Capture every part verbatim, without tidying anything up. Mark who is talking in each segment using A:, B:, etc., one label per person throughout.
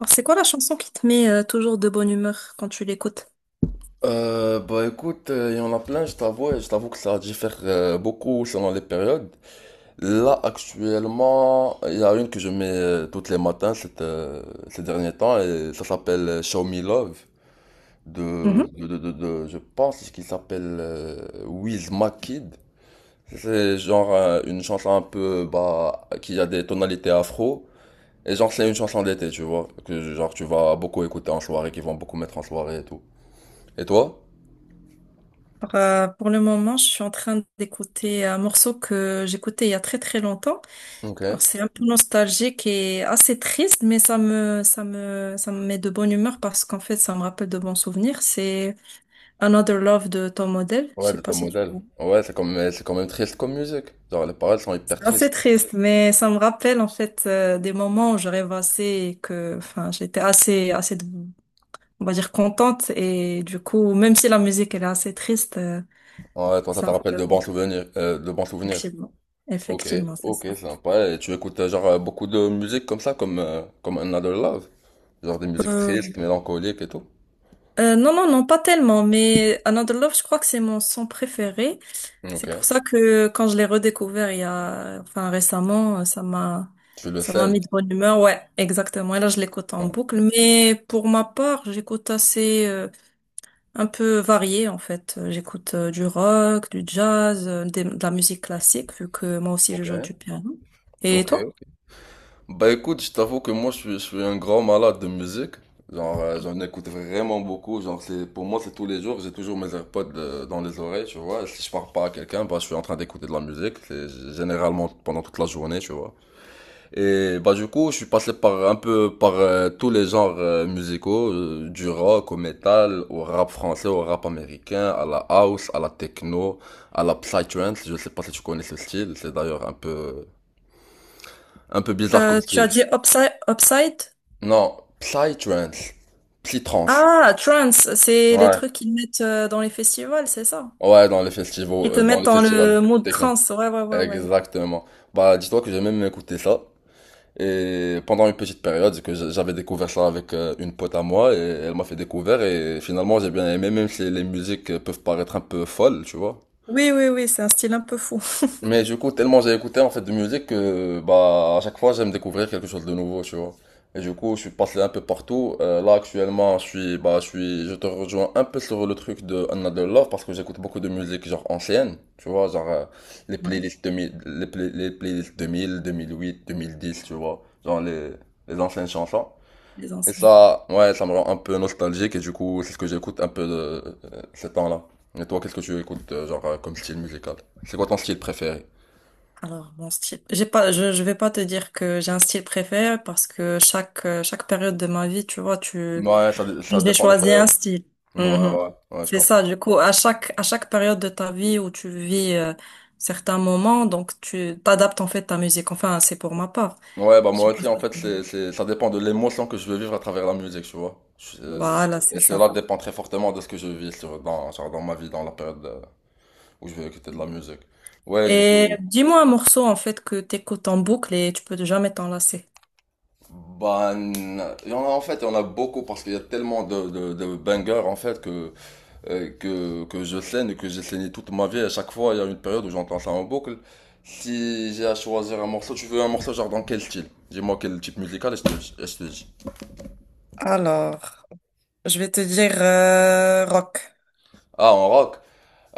A: Alors, c'est quoi la chanson qui te met euh, toujours de bonne humeur quand tu l'écoutes?
B: Euh, bah écoute, euh, il y en a plein, je t'avoue, et je t'avoue que ça diffère euh, beaucoup selon les périodes. Là, actuellement, il y a une que je mets euh, toutes les matins cette, euh, ces derniers temps et ça s'appelle euh, Show Me Love de,
A: Mhm.
B: de, de, de, de- je pense qu'il s'appelle euh, Wiz Kid. C'est genre euh, une chanson un peu, bah, qui a des tonalités afro. Et genre, c'est une chanson d'été, tu vois, que genre tu vas beaucoup écouter en soirée, qui vont beaucoup mettre en soirée et tout. Et toi?
A: Alors, euh, pour le moment, je suis en train d'écouter un morceau que j'écoutais il y a très très longtemps.
B: Ok.
A: Alors, c'est un peu nostalgique et assez triste, mais ça me, ça me, ça me met de bonne humeur parce qu'en fait, ça me rappelle de bons souvenirs. C'est Another Love de Tom Odell. Je
B: Ouais,
A: sais
B: de ton
A: pas si tu
B: modèle.
A: vois.
B: Ouais, c'est quand même, c'est quand même triste comme musique. Genre, les paroles sont hyper
A: C'est assez
B: tristes.
A: triste, mais ça me rappelle en fait euh, des moments où je rêvassais et que, enfin, j'étais assez, assez de on va dire, contente. Et du coup, même si la musique, elle est assez triste, euh,
B: Ouais, toi, ça
A: ça
B: te rappelle de
A: me...
B: bons souvenirs, euh, de bons souvenirs.
A: Effectivement.
B: Ok,
A: Effectivement, c'est
B: ok,
A: ça.
B: sympa. Et tu écoutes, euh, genre, euh, beaucoup de musique comme ça, comme, euh, comme Another Love. Genre des musiques
A: Euh,
B: tristes, mélancoliques et tout.
A: euh, non, non, non, pas tellement. Mais Another Love, je crois que c'est mon son préféré.
B: Ok.
A: C'est pour ça que quand je l'ai redécouvert il y a... Enfin, récemment, euh, ça m'a...
B: Tu le
A: Ça m'a
B: sens.
A: mis de bonne humeur. Ouais, exactement. Et là, je l'écoute en
B: Ouais.
A: boucle. Mais pour ma part, j'écoute assez... euh, un peu varié en fait. Euh, J'écoute euh, du rock, du jazz, euh, des- de la musique classique vu que moi aussi je
B: Ok.
A: joue du piano. Et toi?
B: Ok. Bah écoute, je t'avoue que moi je suis, je suis un grand malade de musique. Genre, euh, j'en écoute vraiment beaucoup. Genre, c'est, pour moi, c'est tous les jours. J'ai toujours mes AirPods euh, dans les oreilles, tu vois. Si je parle pas à quelqu'un, bah, je suis en train d'écouter de la musique. C'est généralement pendant toute la journée, tu vois. Et bah, du coup, je suis passé par un peu par euh, tous les genres euh, musicaux, euh, du rock au métal, au rap français, au rap américain, à la house, à la techno, à la psytrance. Je sais pas si tu connais ce style. C'est d'ailleurs un peu, un peu bizarre comme
A: Euh, tu as
B: style.
A: dit upside, upside?
B: Non, Psytrance. Psytrance.
A: Ah, trance, c'est les
B: Ouais.
A: trucs qu'ils mettent euh, dans les festivals, c'est ça?
B: Ouais, dans les festivals,
A: Qui te
B: euh, dans
A: mettent
B: les
A: dans
B: festivals
A: le mood
B: techno.
A: trance. Ouais, ouais, ouais, ouais.
B: Exactement. Bah, dis-toi que j'ai même écouté ça. Et pendant une petite période, que j'a- j'avais découvert ça avec euh, une pote à moi, et elle m'a fait découvrir, et finalement j'ai bien aimé, même si les musiques euh, peuvent paraître un peu folles, tu vois.
A: Oui, oui, oui, c'est un style un peu fou.
B: Mais du coup, tellement j'ai écouté en fait de musique que bah à chaque fois j'aime découvrir quelque chose de nouveau, tu vois. Et du coup, je suis passé un peu partout. Euh, là actuellement, je suis bah je suis je te rejoins un peu sur le truc de Another Love parce que j'écoute beaucoup de musique genre ancienne, tu vois, genre euh, les
A: Ouais,
B: playlists deux mille les, play- les playlists deux mille, deux mille huit, deux mille dix, tu vois, genre les les anciennes chansons.
A: les
B: Et
A: anciennes.
B: ça, ouais, ça me rend un peu nostalgique et du coup, c'est ce que j'écoute un peu de, euh, ces temps-là. Et toi, qu'est-ce que tu écoutes euh, genre euh, comme style musical? C'est quoi ton style préféré?
A: Alors, mon style, j'ai pas, je, je vais pas te dire que j'ai un style préféré parce que chaque, euh, chaque période de ma vie, tu vois, tu,
B: Ouais, ça, dé- ça
A: j'ai
B: dépend des
A: choisi un
B: périodes.
A: style.
B: Ouais,
A: Mhm.
B: ouais, ouais, je
A: C'est
B: comprends.
A: ça, du coup, à chaque, à chaque période de ta vie où tu vis euh, certains moments, donc tu t'adaptes en fait ta musique. Enfin, c'est pour ma part.
B: Ouais, bah
A: Je sais
B: moi
A: pas
B: aussi, en fait,
A: si...
B: c'est, c'est, ça dépend de l'émotion que je veux vivre à travers la musique, tu vois. Je- euh,
A: Voilà,
B: et
A: c'est ça.
B: cela dépend très fortement de ce que je vis sur, dans, genre dans ma vie, dans la période euh, où je veux écouter de la musique. Ouais, du
A: Et
B: coup,
A: dis-moi un morceau en fait que t'écoutes en boucle et tu peux jamais t'en lasser.
B: bah, n- il y en a, en fait, il y en a beaucoup parce qu'il y a tellement de, de, de bangers, en fait, que euh, que, que je scène et que j'ai saigné toute ma vie. À chaque fois, il y a une période où j'entends ça en boucle. Si j'ai à choisir un morceau, tu veux un morceau genre dans quel style? Dis-moi quel type musical et je te, et je te dis.
A: Alors, je vais te dire euh, rock.
B: Ah, en rock,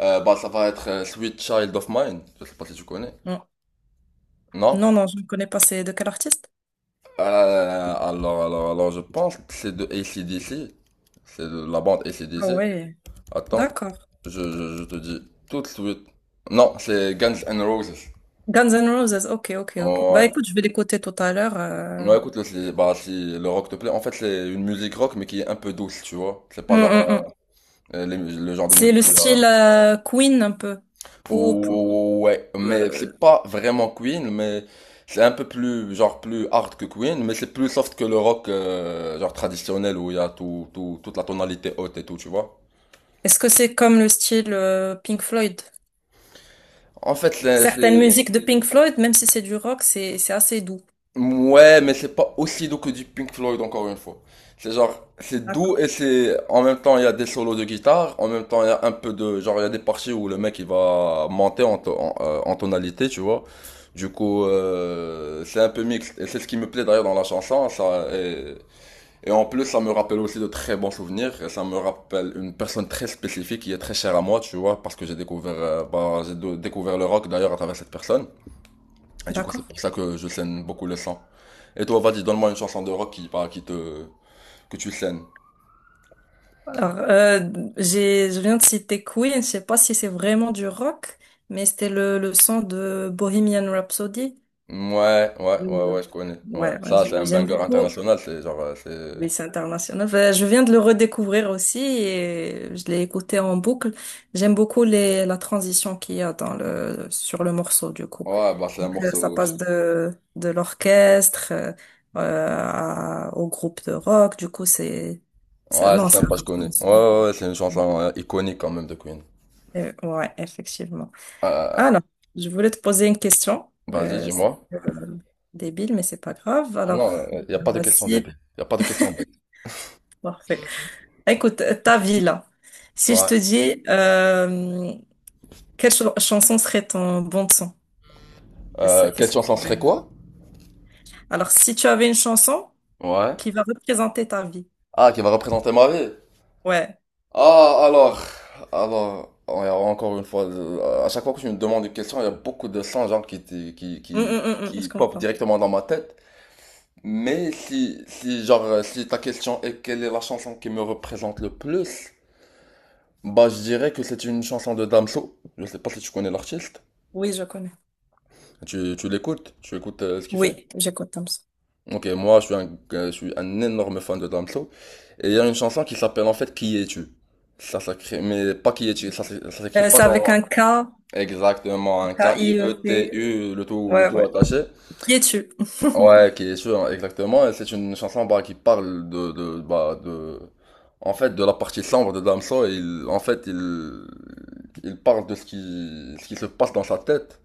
B: euh, bah ça va être euh, Sweet Child of Mine. Je sais pas si tu connais.
A: Non,
B: Non?
A: non, non, je ne connais pas. C'est de quel artiste?
B: Euh, alors, alors, alors, je pense que c'est de AC/DC. C'est de la bande
A: Ah
B: AC/DC.
A: ouais,
B: Attends,
A: d'accord.
B: je, je, je te dis tout de suite. Non, c'est Guns N' Roses.
A: Guns N' Roses. Ok, ok, ok. Bah
B: Ouais,
A: écoute, je vais l'écouter tout à l'heure. Euh.
B: Ouais, écoute, le- c'est- bah, si le rock te plaît, en fait, c'est une musique rock, mais qui est un peu douce, tu vois. C'est
A: Mm,
B: pas genre
A: mm, mm.
B: euh, les mus- le genre de
A: C'est
B: musique
A: le
B: où il y
A: style
B: a-
A: euh, Queen un peu. Ou
B: Ouh, Ouais, mais c'est pas vraiment Queen, mais c'est un peu plus, genre, plus hard que Queen, mais c'est plus soft que le rock, euh, genre, traditionnel, où il y a tout, tout- toute la tonalité haute et tout, tu vois.
A: est-ce que c'est comme le style euh, Pink Floyd?
B: En fait, c'est
A: Certaines
B: c'est-
A: musiques de Pink Floyd, même si c'est du rock, c'est c'est assez doux.
B: Ouais, mais c'est pas aussi doux que du Pink Floyd, encore une fois. C'est genre, c'est doux et
A: D'accord.
B: c'est, en même temps, il y a des solos de guitare, en même temps, il y a un peu de, genre, il y a des parties où le mec, il va monter en, to- en, euh, en tonalité, tu vois. Du coup, euh, c'est un peu mixte. Et c'est ce qui me plaît d'ailleurs dans la chanson, ça, et, et en plus, ça me rappelle aussi de très bons souvenirs, et ça me rappelle une personne très spécifique qui est très chère à moi, tu vois, parce que j'ai découvert, euh, bah, j'ai dou- découvert le rock d'ailleurs à travers cette personne. Et du coup, c'est
A: D'accord.
B: pour ça que je scène beaucoup le sang. Et toi, vas-y, donne-moi une chanson de rock qui, par- qui te, que tu scènes.
A: Alors, euh, j'ai je viens de citer Queen, je sais pas si c'est vraiment du rock, mais c'était le le son de Bohemian Rhapsody.
B: Ouais, ouais, ouais,
A: Je-
B: ouais, je connais. Ouais.
A: Ouais, ouais,
B: Ça, c'est
A: je-
B: un
A: j'aime
B: banger
A: beaucoup.
B: international, c'est genre, euh, c'est...
A: Oui, c'est international. Enfin, je viens de le redécouvrir aussi et je l'ai écouté en boucle. J'aime beaucoup les, la transition qu'il y a dans le, sur le morceau, du coup.
B: Ouais, bah, c'est un
A: Donc, euh, ça
B: morceau...
A: passe de, de l'orchestre, euh, euh, à- au groupe de rock. Du coup, c'est, c'est,
B: Ouais, c'est
A: non, c'est
B: sympa, je connais. Ouais,
A: intéressant.
B: ouais, ouais, c'est une chanson euh, iconique quand même de Queen.
A: Euh, ouais, effectivement.
B: Euh,
A: Alors, je voulais te poser une question.
B: vas-y,
A: Euh, c'est,
B: dis-moi.
A: euh, débile, mais c'est pas grave.
B: Non,
A: Alors,
B: il a pas de question
A: voici.
B: débile. Il a pas de question bête.
A: Parfait. Écoute, ta vie là. Si je
B: Ouais.
A: te dis, euh, quelle ch- chanson serait ton bon de son? Qu'est-ce-
B: Euh, quelle
A: qu'est-ce que
B: chanson
A: tu aurais...
B: serait quoi?
A: Alors, si tu avais une chanson
B: Ouais.
A: qui va représenter ta vie.
B: Ah, qui va représenter ma vie.
A: Ouais.
B: Ah, alors, alors, on- a encore une fois, euh, à chaque fois que tu me demandes une question, il y a beaucoup de sons genre qui, t- qui,
A: Hum, hum,
B: qui,
A: hum, hum, je
B: qui pop
A: comprends.
B: directement dans ma tête. Mais si, si, genre, euh, si ta question est quelle est la chanson qui me représente le plus, bah, je dirais que c'est une chanson de Damso. Je sais pas si tu connais l'artiste.
A: Oui, je connais.
B: Tu, tu l'écoutes, tu écoutes euh, ce qu'il fait.
A: Oui, j'écoute comme ça.
B: Ok, moi, je suis un, euh, je suis un énorme fan de Damso. Et il y a une chanson qui s'appelle en fait Qui es-tu? Ça s'écrit, mais pas Qui es-tu, ça s'é- ça s'écrit
A: Euh,
B: pas
A: c'est avec un
B: genre
A: K,
B: Exactement, un
A: K-I-E-T.
B: K-I-E-T-U, le tout, le
A: Ouais,
B: tout
A: ouais.
B: attaché.
A: Qui es-tu?
B: Ouais, qui est sûr, exactement. Et c'est une chanson bah, qui parle de, de, bah, de, en fait, de la partie sombre de Damso. Et il, en fait, il, il parle de ce qui, ce qui se passe dans sa tête.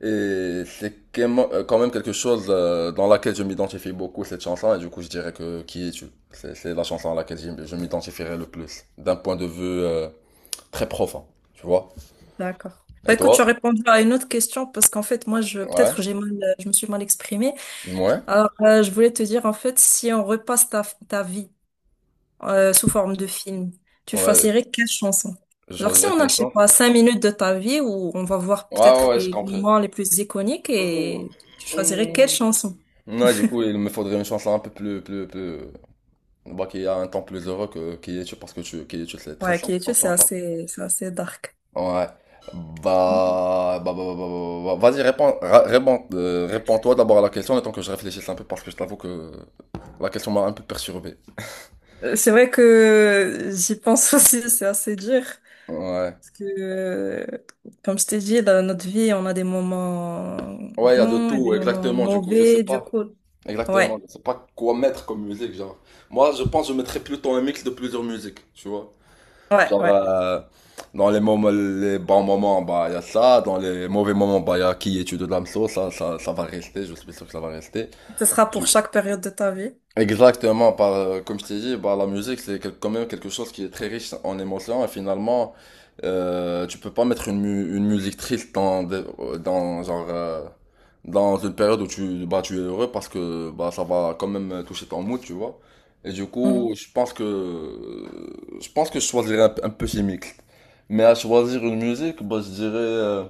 B: Et c'est quemo- euh, quand même quelque chose euh, dans laquelle je m'identifie beaucoup, cette chanson. Et du coup, je dirais que Qui es-tu? C'est, c'est la chanson à laquelle je, je m'identifierai le plus, d'un point de vue euh, très profond, tu vois.
A: D'accord. Bah
B: Et
A: écoute,
B: toi?
A: tu as répondu à une autre question parce qu'en fait, moi, je
B: Ouais.
A: peut-être j'ai mal, je me suis mal exprimée.
B: Ouais.
A: Alors, euh, je voulais te dire, en fait, si on repasse ta, ta vie euh, sous forme de film. Tu
B: Ouais,
A: choisirais quelle chanson?
B: Je
A: Alors, si
B: choisirais la
A: on a, je sais
B: question.
A: pas, cinq minutes de ta vie où on va voir
B: Ouais, ouais,
A: peut-être
B: ouais, j'ai
A: les
B: compris.
A: moments les plus iconiques et tu choisirais quelle chanson?
B: Ouais, du coup, il me faudrait une chanson un peu plus, plus, plus, bah, qui a un temps plus heureux que Kiyetu, parce que tu, Kiyetu, c'est très
A: Ouais, qui
B: sombre
A: est
B: comme
A: c'est
B: chanson.
A: assez, c'est assez dark.
B: Ouais. Bah, bah, bah, bah, bah, bah, bah, vas-y, réponds, ra- réponds, euh, réponds-toi d'abord à la question, le temps que je réfléchisse un peu, parce que je t'avoue que la question m'a un peu perturbé.
A: Euh, C'est vrai que j'y pense aussi, c'est assez dur. Parce
B: Ouais.
A: que, euh, comme je t'ai dit, dans notre vie, on a des moments
B: Ouais, il y a de
A: bons et des
B: tout,
A: moments
B: exactement, du coup, je sais
A: mauvais, du
B: pas.
A: coup.
B: Exactement,
A: Ouais,
B: je sais pas quoi mettre comme musique, genre. Moi, je pense que je mettrais plutôt un mix de plusieurs musiques, tu vois.
A: ouais,
B: Genre,
A: ouais.
B: euh, dans les moments, les bons moments, bah, il y a ça. Dans les mauvais moments, bah, il y a qui est Tuto de l'Amso Ça, ça, ça va rester. Je suis sûr que ça va rester.
A: Ce sera pour chaque période de ta vie.
B: Exactement, par, euh, comme je t'ai dit, bah, la musique, c'est quel- quand même quelque chose qui est très riche en émotions et finalement, euh, tu peux pas mettre une, mu- une musique triste dans, des- euh, dans, genre, euh, dans une période où tu, bah, tu es heureux parce que bah, ça va quand même toucher ton mood, tu vois. Et du coup,
A: Mhm.
B: je pense que, euh, je pense que je choisirais un, un peu chimique. Mais à choisir une musique, bah, je dirais, euh,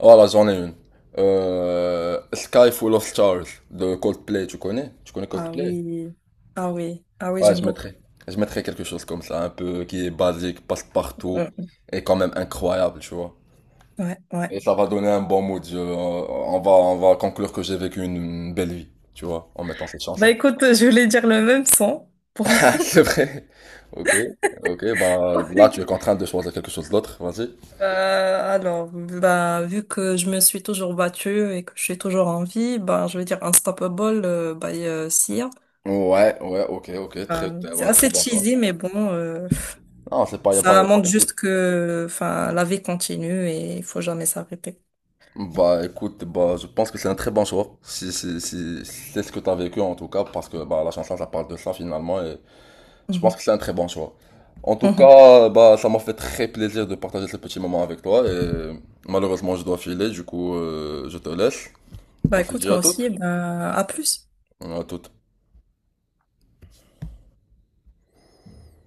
B: voilà, j'en ai une. Euh, Sky Full of Stars de Coldplay, tu connais? Tu connais
A: Ah
B: Coldplay?
A: oui, ah oui, ah oui,
B: Ouais,
A: j'aime
B: je
A: beaucoup.
B: mettrais, je mettrais quelque chose comme ça, un peu qui est basique, passe partout
A: Mhm.
B: et quand même incroyable, tu vois.
A: Ouais, ouais.
B: Et ça va donner un bon mood. je- on va, on va conclure que j'ai vécu une, une belle vie, tu vois, en mettant cette
A: Bah
B: chanson.
A: écoute, je voulais dire le même son pour...
B: Ah, C'est vrai. Ok, ok, bah là tu es contraint de choisir quelque chose d'autre, vas-y.
A: Euh, alors, bah, vu que je me suis toujours battue et que je suis toujours en vie, bah, je vais dire Unstoppable euh, by euh, Sia.
B: Ouais, ouais, ok, ok, très,
A: Euh,
B: très,
A: c'est
B: bah, très
A: assez
B: bon choix.
A: cheesy, mais bon, euh,
B: Non, c'est pas, y a pas,
A: ça montre
B: écoute,
A: juste que, enfin, la vie continue et il faut jamais s'arrêter.
B: bah, écoute, bah, je pense que c'est un très bon choix, si, si, si, c'est ce que t'as vécu en tout cas, parce que, bah, la chanson, ça parle de ça finalement, Je pense
A: Mhm.
B: que c'est un très bon choix. En tout
A: Mhm.
B: cas, bah, ça m'a fait très plaisir de partager ce petit moment avec toi. Et malheureusement, je dois filer, du coup, euh, je te laisse.
A: Bah,
B: On se dit
A: écoute,
B: à
A: moi
B: toutes.
A: aussi, bah, à plus.
B: À toutes.